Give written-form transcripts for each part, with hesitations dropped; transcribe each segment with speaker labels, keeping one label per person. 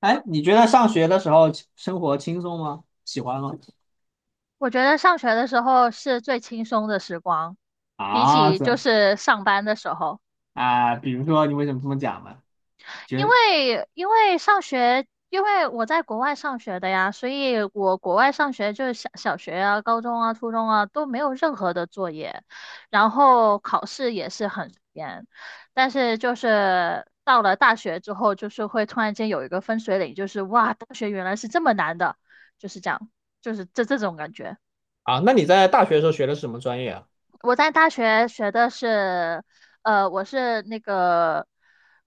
Speaker 1: 哎，你觉得上学的时候生活轻松吗？喜欢吗？
Speaker 2: 我觉得上学的时候是最轻松的时光，比
Speaker 1: 啊，
Speaker 2: 起
Speaker 1: 这
Speaker 2: 就
Speaker 1: 样。
Speaker 2: 是上班的时候，
Speaker 1: 啊，比如说你为什么这么讲呢？
Speaker 2: 因
Speaker 1: 觉得
Speaker 2: 为因为上学，因为我在国外上学的呀，所以我国外上学就是小学啊、高中啊、初中啊都没有任何的作业，然后考试也是很严，但是就是到了大学之后，就是会突然间有一个分水岭，就是哇，大学原来是这么难的，就是这样，就是这种感觉。
Speaker 1: 啊，那你在大学的时候学的是什么专业啊？
Speaker 2: 我在大学学的是，我是那个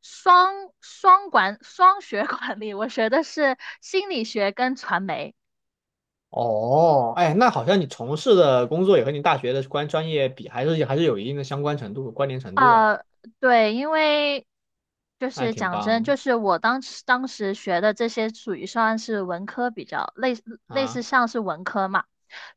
Speaker 2: 双双管双学管理，我学的是心理学跟传媒。
Speaker 1: 哦。哎，那好像你从事的工作也和你大学的关专业比，还是还是有一定的相关程度、关联程度，哎，
Speaker 2: 呃，对，因为就
Speaker 1: 那还
Speaker 2: 是
Speaker 1: 挺
Speaker 2: 讲真，就
Speaker 1: 棒
Speaker 2: 是我当时学的这些属于算是文科比较类似
Speaker 1: 啊。
Speaker 2: 像是文科嘛，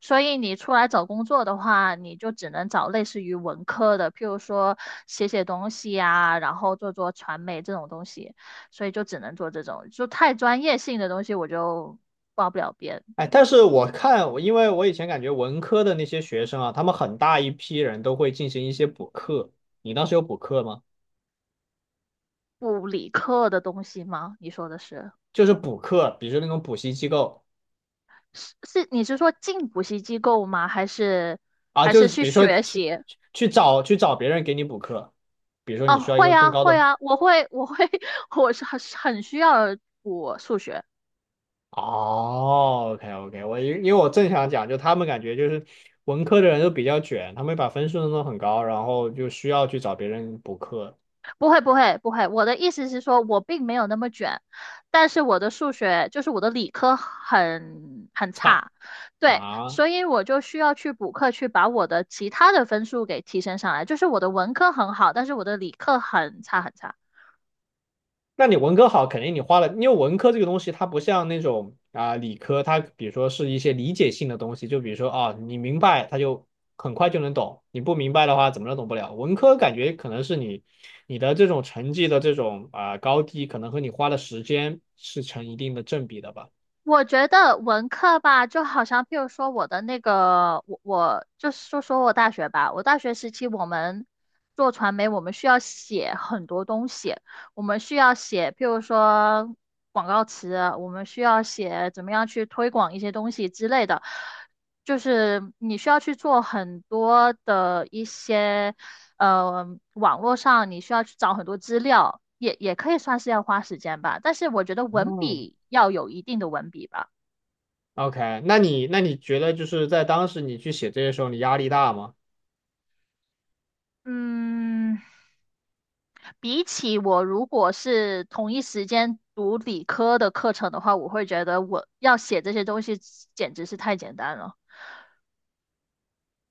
Speaker 2: 所以你出来找工作的话，你就只能找类似于文科的，譬如说写写东西呀、然后做做传媒这种东西，所以就只能做这种，就太专业性的东西我就报不了边，
Speaker 1: 哎，但是我看，我因为我以前感觉文科的那些学生啊，他们很大一批人都会进行一些补课。你当时有补课吗？
Speaker 2: 不理科的东西吗？你说的是？
Speaker 1: 就是补课，比如说那种补习机构。
Speaker 2: 是是，你是说进补习机构吗？还是
Speaker 1: 啊，
Speaker 2: 还是
Speaker 1: 就是
Speaker 2: 去
Speaker 1: 比如说
Speaker 2: 学
Speaker 1: 去
Speaker 2: 习？
Speaker 1: 去去找去找别人给你补课，比如说
Speaker 2: 哦，
Speaker 1: 你需要一
Speaker 2: 会
Speaker 1: 个更
Speaker 2: 啊，
Speaker 1: 高
Speaker 2: 会
Speaker 1: 的。
Speaker 2: 啊，我会，我会，我是很需要补数学。
Speaker 1: 哦，OK，我因为我正想讲，就他们感觉就是文科的人都比较卷，他们把分数弄得很高，然后就需要去找别人补课。
Speaker 2: 不会，不会，不会。我的意思是说，我并没有那么卷，但是我的数学就是我的理科很
Speaker 1: 差
Speaker 2: 差，对，
Speaker 1: 啊，
Speaker 2: 所以我就需要去补课，去把我的其他的分数给提升上来。就是我的文科很好，但是我的理科很差很差。
Speaker 1: 那你文科好，肯定你花了，因为文科这个东西，它不像那种啊、理科，它比如说是一些理解性的东西，就比如说啊，你明白它就很快就能懂，你不明白的话怎么都懂不了。文科感觉可能是你的这种成绩的这种啊、高低，可能和你花的时间是成一定的正比的吧。
Speaker 2: 我觉得文科吧，就好像譬如说我的那个，我就说说我大学吧，我大学时期我们做传媒，我们需要写很多东西，我们需要写，譬如说广告词，我们需要写怎么样去推广一些东西之类的，就是你需要去做很多的一些。网络上你需要去找很多资料，也可以算是要花时间吧。但是我觉得文
Speaker 1: 嗯，
Speaker 2: 笔要有一定的文笔吧。
Speaker 1: OK，那你觉得就是在当时你去写这些时候，你压力大吗？
Speaker 2: 嗯，比起我如果是同一时间读理科的课程的话，我会觉得我要写这些东西简直是太简单了。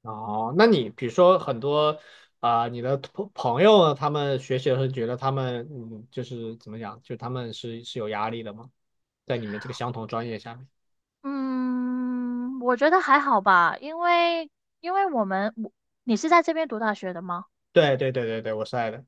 Speaker 1: 哦，那你比如说很多啊、你的朋友呢他们学习的时候觉得他们嗯，就是怎么讲，就他们是有压力的吗？在你们这个相同专业下面？
Speaker 2: 嗯，我觉得还好吧，因为因为我们。你是在这边读大学的吗？
Speaker 1: 对对对对对，我是爱的。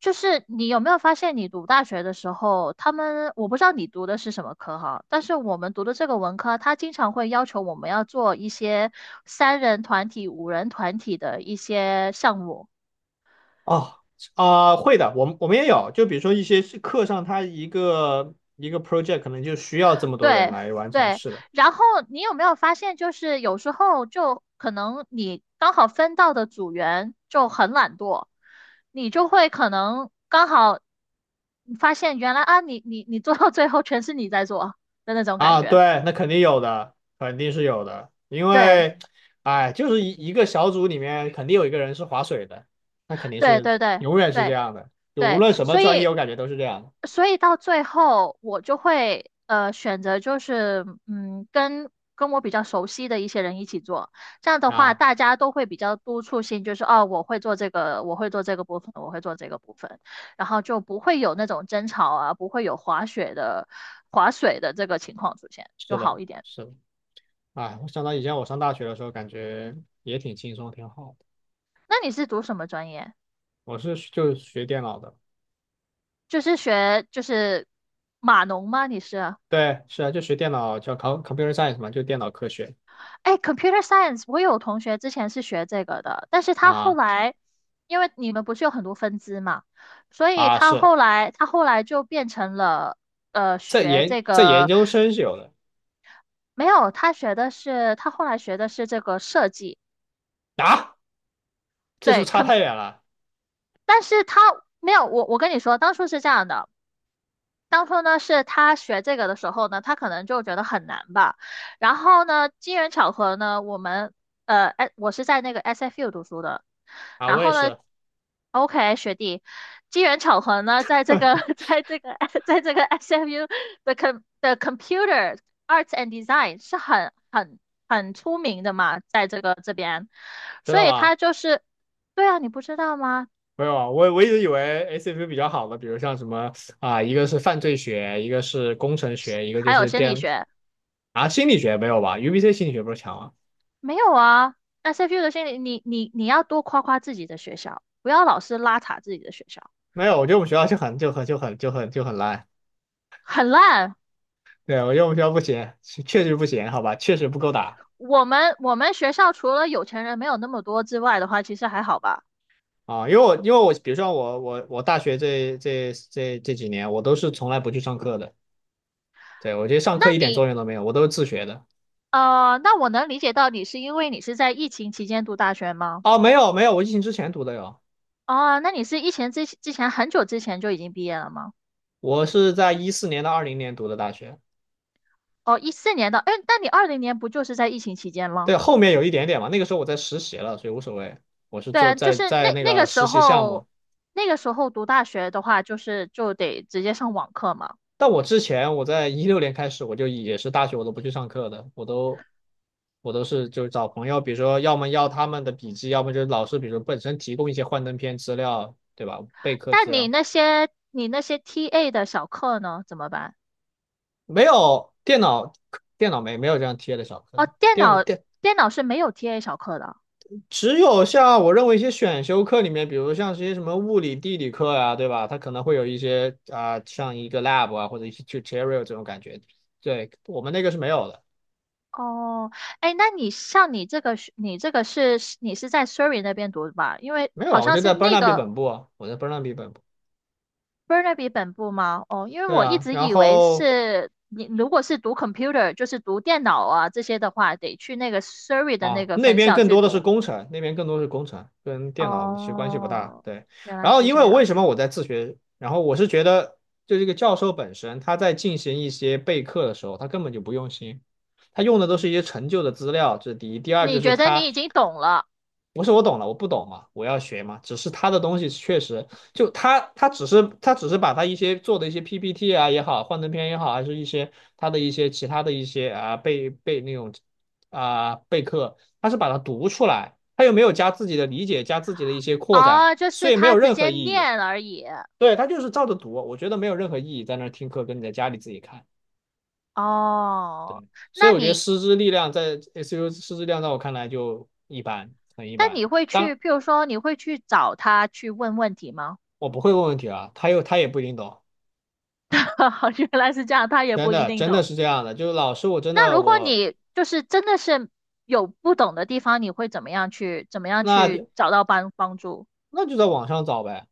Speaker 2: 就是你有没有发现，你读大学的时候，他们我不知道你读的是什么科哈，但是我们读的这个文科，它经常会要求我们要做一些三人团体、五人团体的一些项目。
Speaker 1: 哦，啊、会的，我们也有，就比如说一些是课上，它一个一个 project 可能就需要这么多人
Speaker 2: 对
Speaker 1: 来完成，
Speaker 2: 对，
Speaker 1: 是的。
Speaker 2: 然后你有没有发现，就是有时候就可能你刚好分到的组员就很懒惰，你就会可能刚好发现原来啊，你你你做到最后全是你在做的那种感
Speaker 1: 啊，
Speaker 2: 觉。
Speaker 1: 对，那肯定有的，肯定是有的，因
Speaker 2: 对，
Speaker 1: 为，哎，就是一个小组里面肯定有一个人是划水的，那肯定
Speaker 2: 对
Speaker 1: 是
Speaker 2: 对对
Speaker 1: 永远是这
Speaker 2: 对
Speaker 1: 样的，就无
Speaker 2: 对，
Speaker 1: 论什么
Speaker 2: 所
Speaker 1: 专业，
Speaker 2: 以
Speaker 1: 我感觉都是这样
Speaker 2: 所以到最后我就会选择就是嗯跟我比较熟悉的一些人一起做，这样的
Speaker 1: 的
Speaker 2: 话
Speaker 1: 啊。
Speaker 2: 大家都会比较督促性，就是哦我会做这个，我会做这个部分，我会做这个部分，然后就不会有那种争吵啊，不会有滑雪的滑水的这个情况出现，就
Speaker 1: 是
Speaker 2: 好
Speaker 1: 的，
Speaker 2: 一点。
Speaker 1: 是的，哎，我想到以前我上大学的时候，感觉也挺轻松，挺好的。
Speaker 2: 那你是读什么专业？
Speaker 1: 我是就学电脑的。
Speaker 2: 就是学就是码农吗？你是？
Speaker 1: 对，是啊，就学电脑叫 computer science 嘛，就电脑科学
Speaker 2: 哎，computer science，我有同学之前是学这个的，但是他后
Speaker 1: 啊。
Speaker 2: 来，因为你们不是有很多分支嘛，所以
Speaker 1: 啊，
Speaker 2: 他
Speaker 1: 是
Speaker 2: 后来他后来就变成了
Speaker 1: 在
Speaker 2: 学
Speaker 1: 研
Speaker 2: 这
Speaker 1: 在研
Speaker 2: 个，
Speaker 1: 究生是有的
Speaker 2: 没有，他学的是他后来学的是这个设计，
Speaker 1: 啊，这是不
Speaker 2: 对
Speaker 1: 是差
Speaker 2: 可，
Speaker 1: 太远了
Speaker 2: 但是他没有，我跟你说，当初是这样的，当初呢，是他学这个的时候呢，他可能就觉得很难吧。然后呢，机缘巧合呢，我们哎，我是在那个 SFU 读书的。
Speaker 1: 啊？
Speaker 2: 然
Speaker 1: 我
Speaker 2: 后
Speaker 1: 也
Speaker 2: 呢
Speaker 1: 是。
Speaker 2: ，OK，学弟，机缘巧合呢，在这个 在这个 在这个 SFU 的 com 的 Computer Arts and Design 是很出名的嘛，在这个这边，
Speaker 1: 真
Speaker 2: 所
Speaker 1: 的
Speaker 2: 以
Speaker 1: 吗？
Speaker 2: 他就是，对啊，你不知道吗？
Speaker 1: 没有啊，我一直以为 ACP 比较好的，比如像什么啊，一个是犯罪学，一个是工程学，一个
Speaker 2: 还
Speaker 1: 就
Speaker 2: 有
Speaker 1: 是
Speaker 2: 心理
Speaker 1: 电
Speaker 2: 学。
Speaker 1: 啊心理学没有吧？UBC 心理学不是强吗？
Speaker 2: 没有啊，SFU 那的心理，你你你要多夸夸自己的学校，不要老是拉垮自己的学校，
Speaker 1: 没有，我觉得我们学校就很烂。
Speaker 2: 很烂。
Speaker 1: 对，我觉得我们学校不行，确实不行，好吧，确实不够打
Speaker 2: 我们学校除了有钱人没有那么多之外的话，其实还好吧。
Speaker 1: 啊。因为我因为我比如说我大学这几年，我都是从来不去上课的。对，我觉得上
Speaker 2: 那
Speaker 1: 课一点作
Speaker 2: 你
Speaker 1: 用都没有，我都是自学的。
Speaker 2: 那我能理解到你是因为你是在疫情期间读大学吗？
Speaker 1: 哦，没有没有，我疫情之前读的哟，
Speaker 2: 哦，那你是疫情之前很久之前就已经毕业了吗？
Speaker 1: 我是在2014年到2020年读的大学。
Speaker 2: 哦，14年的，哎，那你20年不就是在疫情期间吗？
Speaker 1: 对，后面有一点点嘛，那个时候我在实习了，所以无所谓。我是
Speaker 2: 对
Speaker 1: 做
Speaker 2: 啊，就
Speaker 1: 在
Speaker 2: 是
Speaker 1: 在
Speaker 2: 那
Speaker 1: 那
Speaker 2: 那个
Speaker 1: 个
Speaker 2: 时
Speaker 1: 实习项
Speaker 2: 候，
Speaker 1: 目，
Speaker 2: 那个时候读大学的话，就是就得直接上网课嘛。
Speaker 1: 但我之前我在2016年开始，我就也是大学我都不去上课的，我都是就找朋友，比如说要么要他们的笔记，要么就是老师，比如说本身提供一些幻灯片资料，对吧？备课资
Speaker 2: 但你
Speaker 1: 料。
Speaker 2: 那些你那些 TA 的小课呢，怎么办？
Speaker 1: 没有电脑。没有这样贴的小课
Speaker 2: 哦，
Speaker 1: 的。
Speaker 2: 电脑电脑是没有 TA 小课的。
Speaker 1: 只有像我认为一些选修课里面，比如像这些什么物理、地理课啊，对吧？它可能会有一些啊、像一个 lab 啊，或者一些 tutorial 这种感觉。对，我们那个是没有的。
Speaker 2: 哦，哎，那你像你这个是，你这个是你是在 Surrey 那边读的吧？因为
Speaker 1: 没有
Speaker 2: 好
Speaker 1: 啊。我
Speaker 2: 像
Speaker 1: 就
Speaker 2: 是
Speaker 1: 在
Speaker 2: 那
Speaker 1: Burnaby
Speaker 2: 个
Speaker 1: 本部啊，我在 Burnaby 本部。
Speaker 2: Burnaby 本部吗？哦，因为
Speaker 1: 对
Speaker 2: 我一
Speaker 1: 啊，
Speaker 2: 直
Speaker 1: 然
Speaker 2: 以为
Speaker 1: 后
Speaker 2: 是你如果是读 computer，就是读电脑啊这些的话，得去那个 Surrey 的那
Speaker 1: 啊，
Speaker 2: 个
Speaker 1: 那
Speaker 2: 分
Speaker 1: 边
Speaker 2: 校
Speaker 1: 更
Speaker 2: 去
Speaker 1: 多的是
Speaker 2: 读。
Speaker 1: 工程，那边更多是工程，跟电脑其实关系不大。
Speaker 2: 哦，
Speaker 1: 对，
Speaker 2: 原来
Speaker 1: 然后
Speaker 2: 是
Speaker 1: 因
Speaker 2: 这
Speaker 1: 为我为
Speaker 2: 样。
Speaker 1: 什么我在自学，然后我是觉得，就这个教授本身他在进行一些备课的时候，他根本就不用心，他用的都是一些陈旧的资料，这是第一。第二
Speaker 2: 你
Speaker 1: 就是
Speaker 2: 觉得你
Speaker 1: 他，
Speaker 2: 已经懂了
Speaker 1: 不是我懂了，我不懂嘛，我要学嘛。只是他的东西确实，就他只是把他一些做的一些 PPT 啊也好，幻灯片也好，还是一些他的一些其他的一些啊备那种啊备课，他是把它读出来，他又没有加自己的理解，加自己的一些扩展，
Speaker 2: 哦，就
Speaker 1: 所
Speaker 2: 是
Speaker 1: 以没
Speaker 2: 他
Speaker 1: 有
Speaker 2: 直
Speaker 1: 任何
Speaker 2: 接
Speaker 1: 意义。
Speaker 2: 念而已。
Speaker 1: 对，他就是照着读，我觉得没有任何意义，在那儿听课跟你在家里自己看。
Speaker 2: 哦，
Speaker 1: 对，所
Speaker 2: 那
Speaker 1: 以我觉得
Speaker 2: 你，
Speaker 1: 师资力量在 SU 师资力量在我看来就一般，很一
Speaker 2: 那
Speaker 1: 般。
Speaker 2: 你会去，
Speaker 1: 当
Speaker 2: 譬如说，你会去找他去问问题吗？
Speaker 1: 我不会问问题啊，他又他也不一定懂，
Speaker 2: 原来是这样，他也
Speaker 1: 真
Speaker 2: 不一
Speaker 1: 的
Speaker 2: 定
Speaker 1: 真的
Speaker 2: 懂。
Speaker 1: 是这样的。就是老师，我真
Speaker 2: 那
Speaker 1: 的
Speaker 2: 如果
Speaker 1: 我
Speaker 2: 你就是真的是有不懂的地方，你会怎么样去，怎么样
Speaker 1: 那
Speaker 2: 去
Speaker 1: 就
Speaker 2: 找到帮助？
Speaker 1: 那就在网上找呗。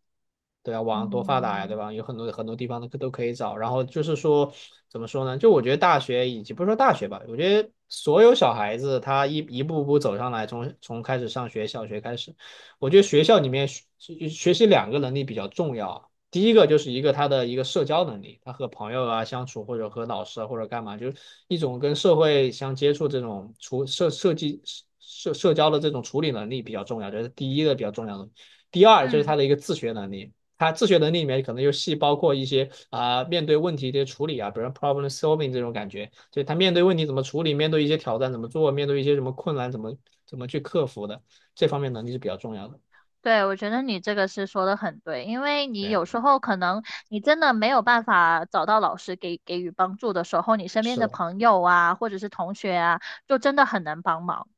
Speaker 1: 对啊，网上多发达呀，对
Speaker 2: 嗯，
Speaker 1: 吧？有很多很多地方都都可以找。然后就是说，怎么说呢？就我觉得大学以及不是说大学吧，我觉得所有小孩子他一步步走上来，从开始上学，小学开始，我觉得学校里面学习两个能力比较重要啊。第一个就是一个他的一个社交能力，他和朋友啊相处，或者和老师啊，或者干嘛，就是一种跟社会相接触这种处社设计社社交的这种处理能力比较重要，这是第一个比较重要的。第二就是
Speaker 2: 嗯。
Speaker 1: 他的一个自学能力。他自学能力里面可能又细包括一些啊、面对问题的处理啊，比如 problem solving 这种感觉，就他面对问题怎么处理，面对一些挑战怎么做，面对一些什么困难怎么去克服的，这方面能力是比较重要的。
Speaker 2: 对，我觉得你这个是说的很对，因为你
Speaker 1: 对，
Speaker 2: 有时候可能你真的没有办法找到老师给给予帮助的时候，你身边
Speaker 1: 是
Speaker 2: 的
Speaker 1: 的。
Speaker 2: 朋友啊，或者是同学啊，就真的很能帮忙，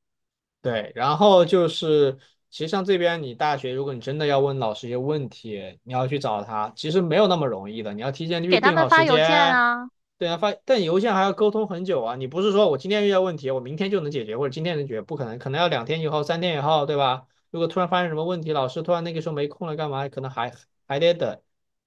Speaker 1: 对，然后就是其实像这边你大学，如果你真的要问老师一些问题，你要去找他，其实没有那么容易的，你要提前预
Speaker 2: 给他
Speaker 1: 定
Speaker 2: 们
Speaker 1: 好
Speaker 2: 发
Speaker 1: 时
Speaker 2: 邮件
Speaker 1: 间。
Speaker 2: 啊，
Speaker 1: 对啊，发但邮件还要沟通很久啊，你不是说我今天遇到问题，我明天就能解决，或者今天能解决，不可能，可能要两天以后、三天以后，对吧？如果突然发生什么问题，老师突然那个时候没空了，干嘛？可能还得等，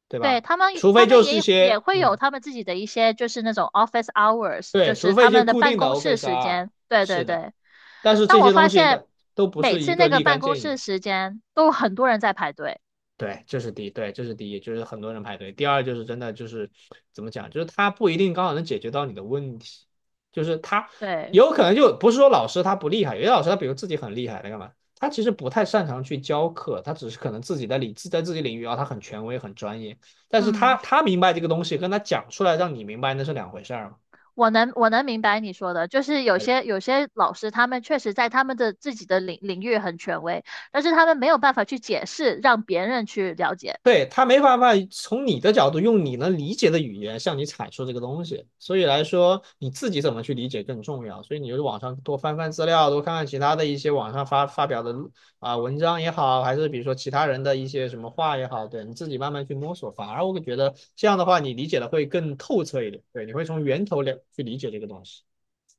Speaker 1: 对
Speaker 2: 对，
Speaker 1: 吧？
Speaker 2: 他们
Speaker 1: 除
Speaker 2: 他
Speaker 1: 非
Speaker 2: 们
Speaker 1: 就是一
Speaker 2: 也
Speaker 1: 些，
Speaker 2: 会有
Speaker 1: 嗯，
Speaker 2: 他们自己的一些就是那种 office hours，就
Speaker 1: 对，
Speaker 2: 是
Speaker 1: 除
Speaker 2: 他
Speaker 1: 非一些
Speaker 2: 们的
Speaker 1: 固
Speaker 2: 办
Speaker 1: 定的
Speaker 2: 公室
Speaker 1: Office
Speaker 2: 时
Speaker 1: R，
Speaker 2: 间，对对
Speaker 1: 是的，
Speaker 2: 对。
Speaker 1: 但是
Speaker 2: 但
Speaker 1: 这
Speaker 2: 我
Speaker 1: 些
Speaker 2: 发
Speaker 1: 东西
Speaker 2: 现
Speaker 1: 的都不
Speaker 2: 每
Speaker 1: 是一
Speaker 2: 次
Speaker 1: 个
Speaker 2: 那个
Speaker 1: 立
Speaker 2: 办
Speaker 1: 竿
Speaker 2: 公
Speaker 1: 见
Speaker 2: 室
Speaker 1: 影。
Speaker 2: 时间都有很多人在排队，
Speaker 1: 对，这是第一，对，这是第一，就是很多人排队。第二就是真的就是怎么讲，就是他不一定刚好能解决到你的问题，就是他
Speaker 2: 对，
Speaker 1: 有可能就不是说老师他不厉害，有些老师他比如自己很厉害，他干嘛？他其实不太擅长去教课，他只是可能自己的领在自己领域啊，他很权威很专业，但是他
Speaker 2: 嗯。
Speaker 1: 他明白这个东西，跟他讲出来让你明白那是两回事儿嘛。
Speaker 2: 我能明白你说的，就是有些老师他们确实在他们的自己的领域很权威，但是他们没有办法去解释，让别人去了解。
Speaker 1: 对，他没办法从你的角度用你能理解的语言向你阐述这个东西，所以来说你自己怎么去理解更重要。所以你就是网上多翻翻资料，多看看其他的一些网上发表的啊、文章也好，还是比如说其他人的一些什么话也好，对你自己慢慢去摸索。反而我会觉得这样的话，你理解的会更透彻一点。对，你会从源头了去理解这个东西。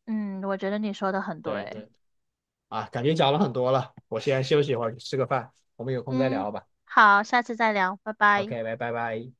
Speaker 2: 嗯，我觉得你说的很
Speaker 1: 对
Speaker 2: 对。
Speaker 1: 对啊，感觉讲了很多了，我先休息一会儿，吃个饭，我们有空再
Speaker 2: 嗯，
Speaker 1: 聊吧。
Speaker 2: 好，下次再聊，拜拜。
Speaker 1: OK，拜拜拜。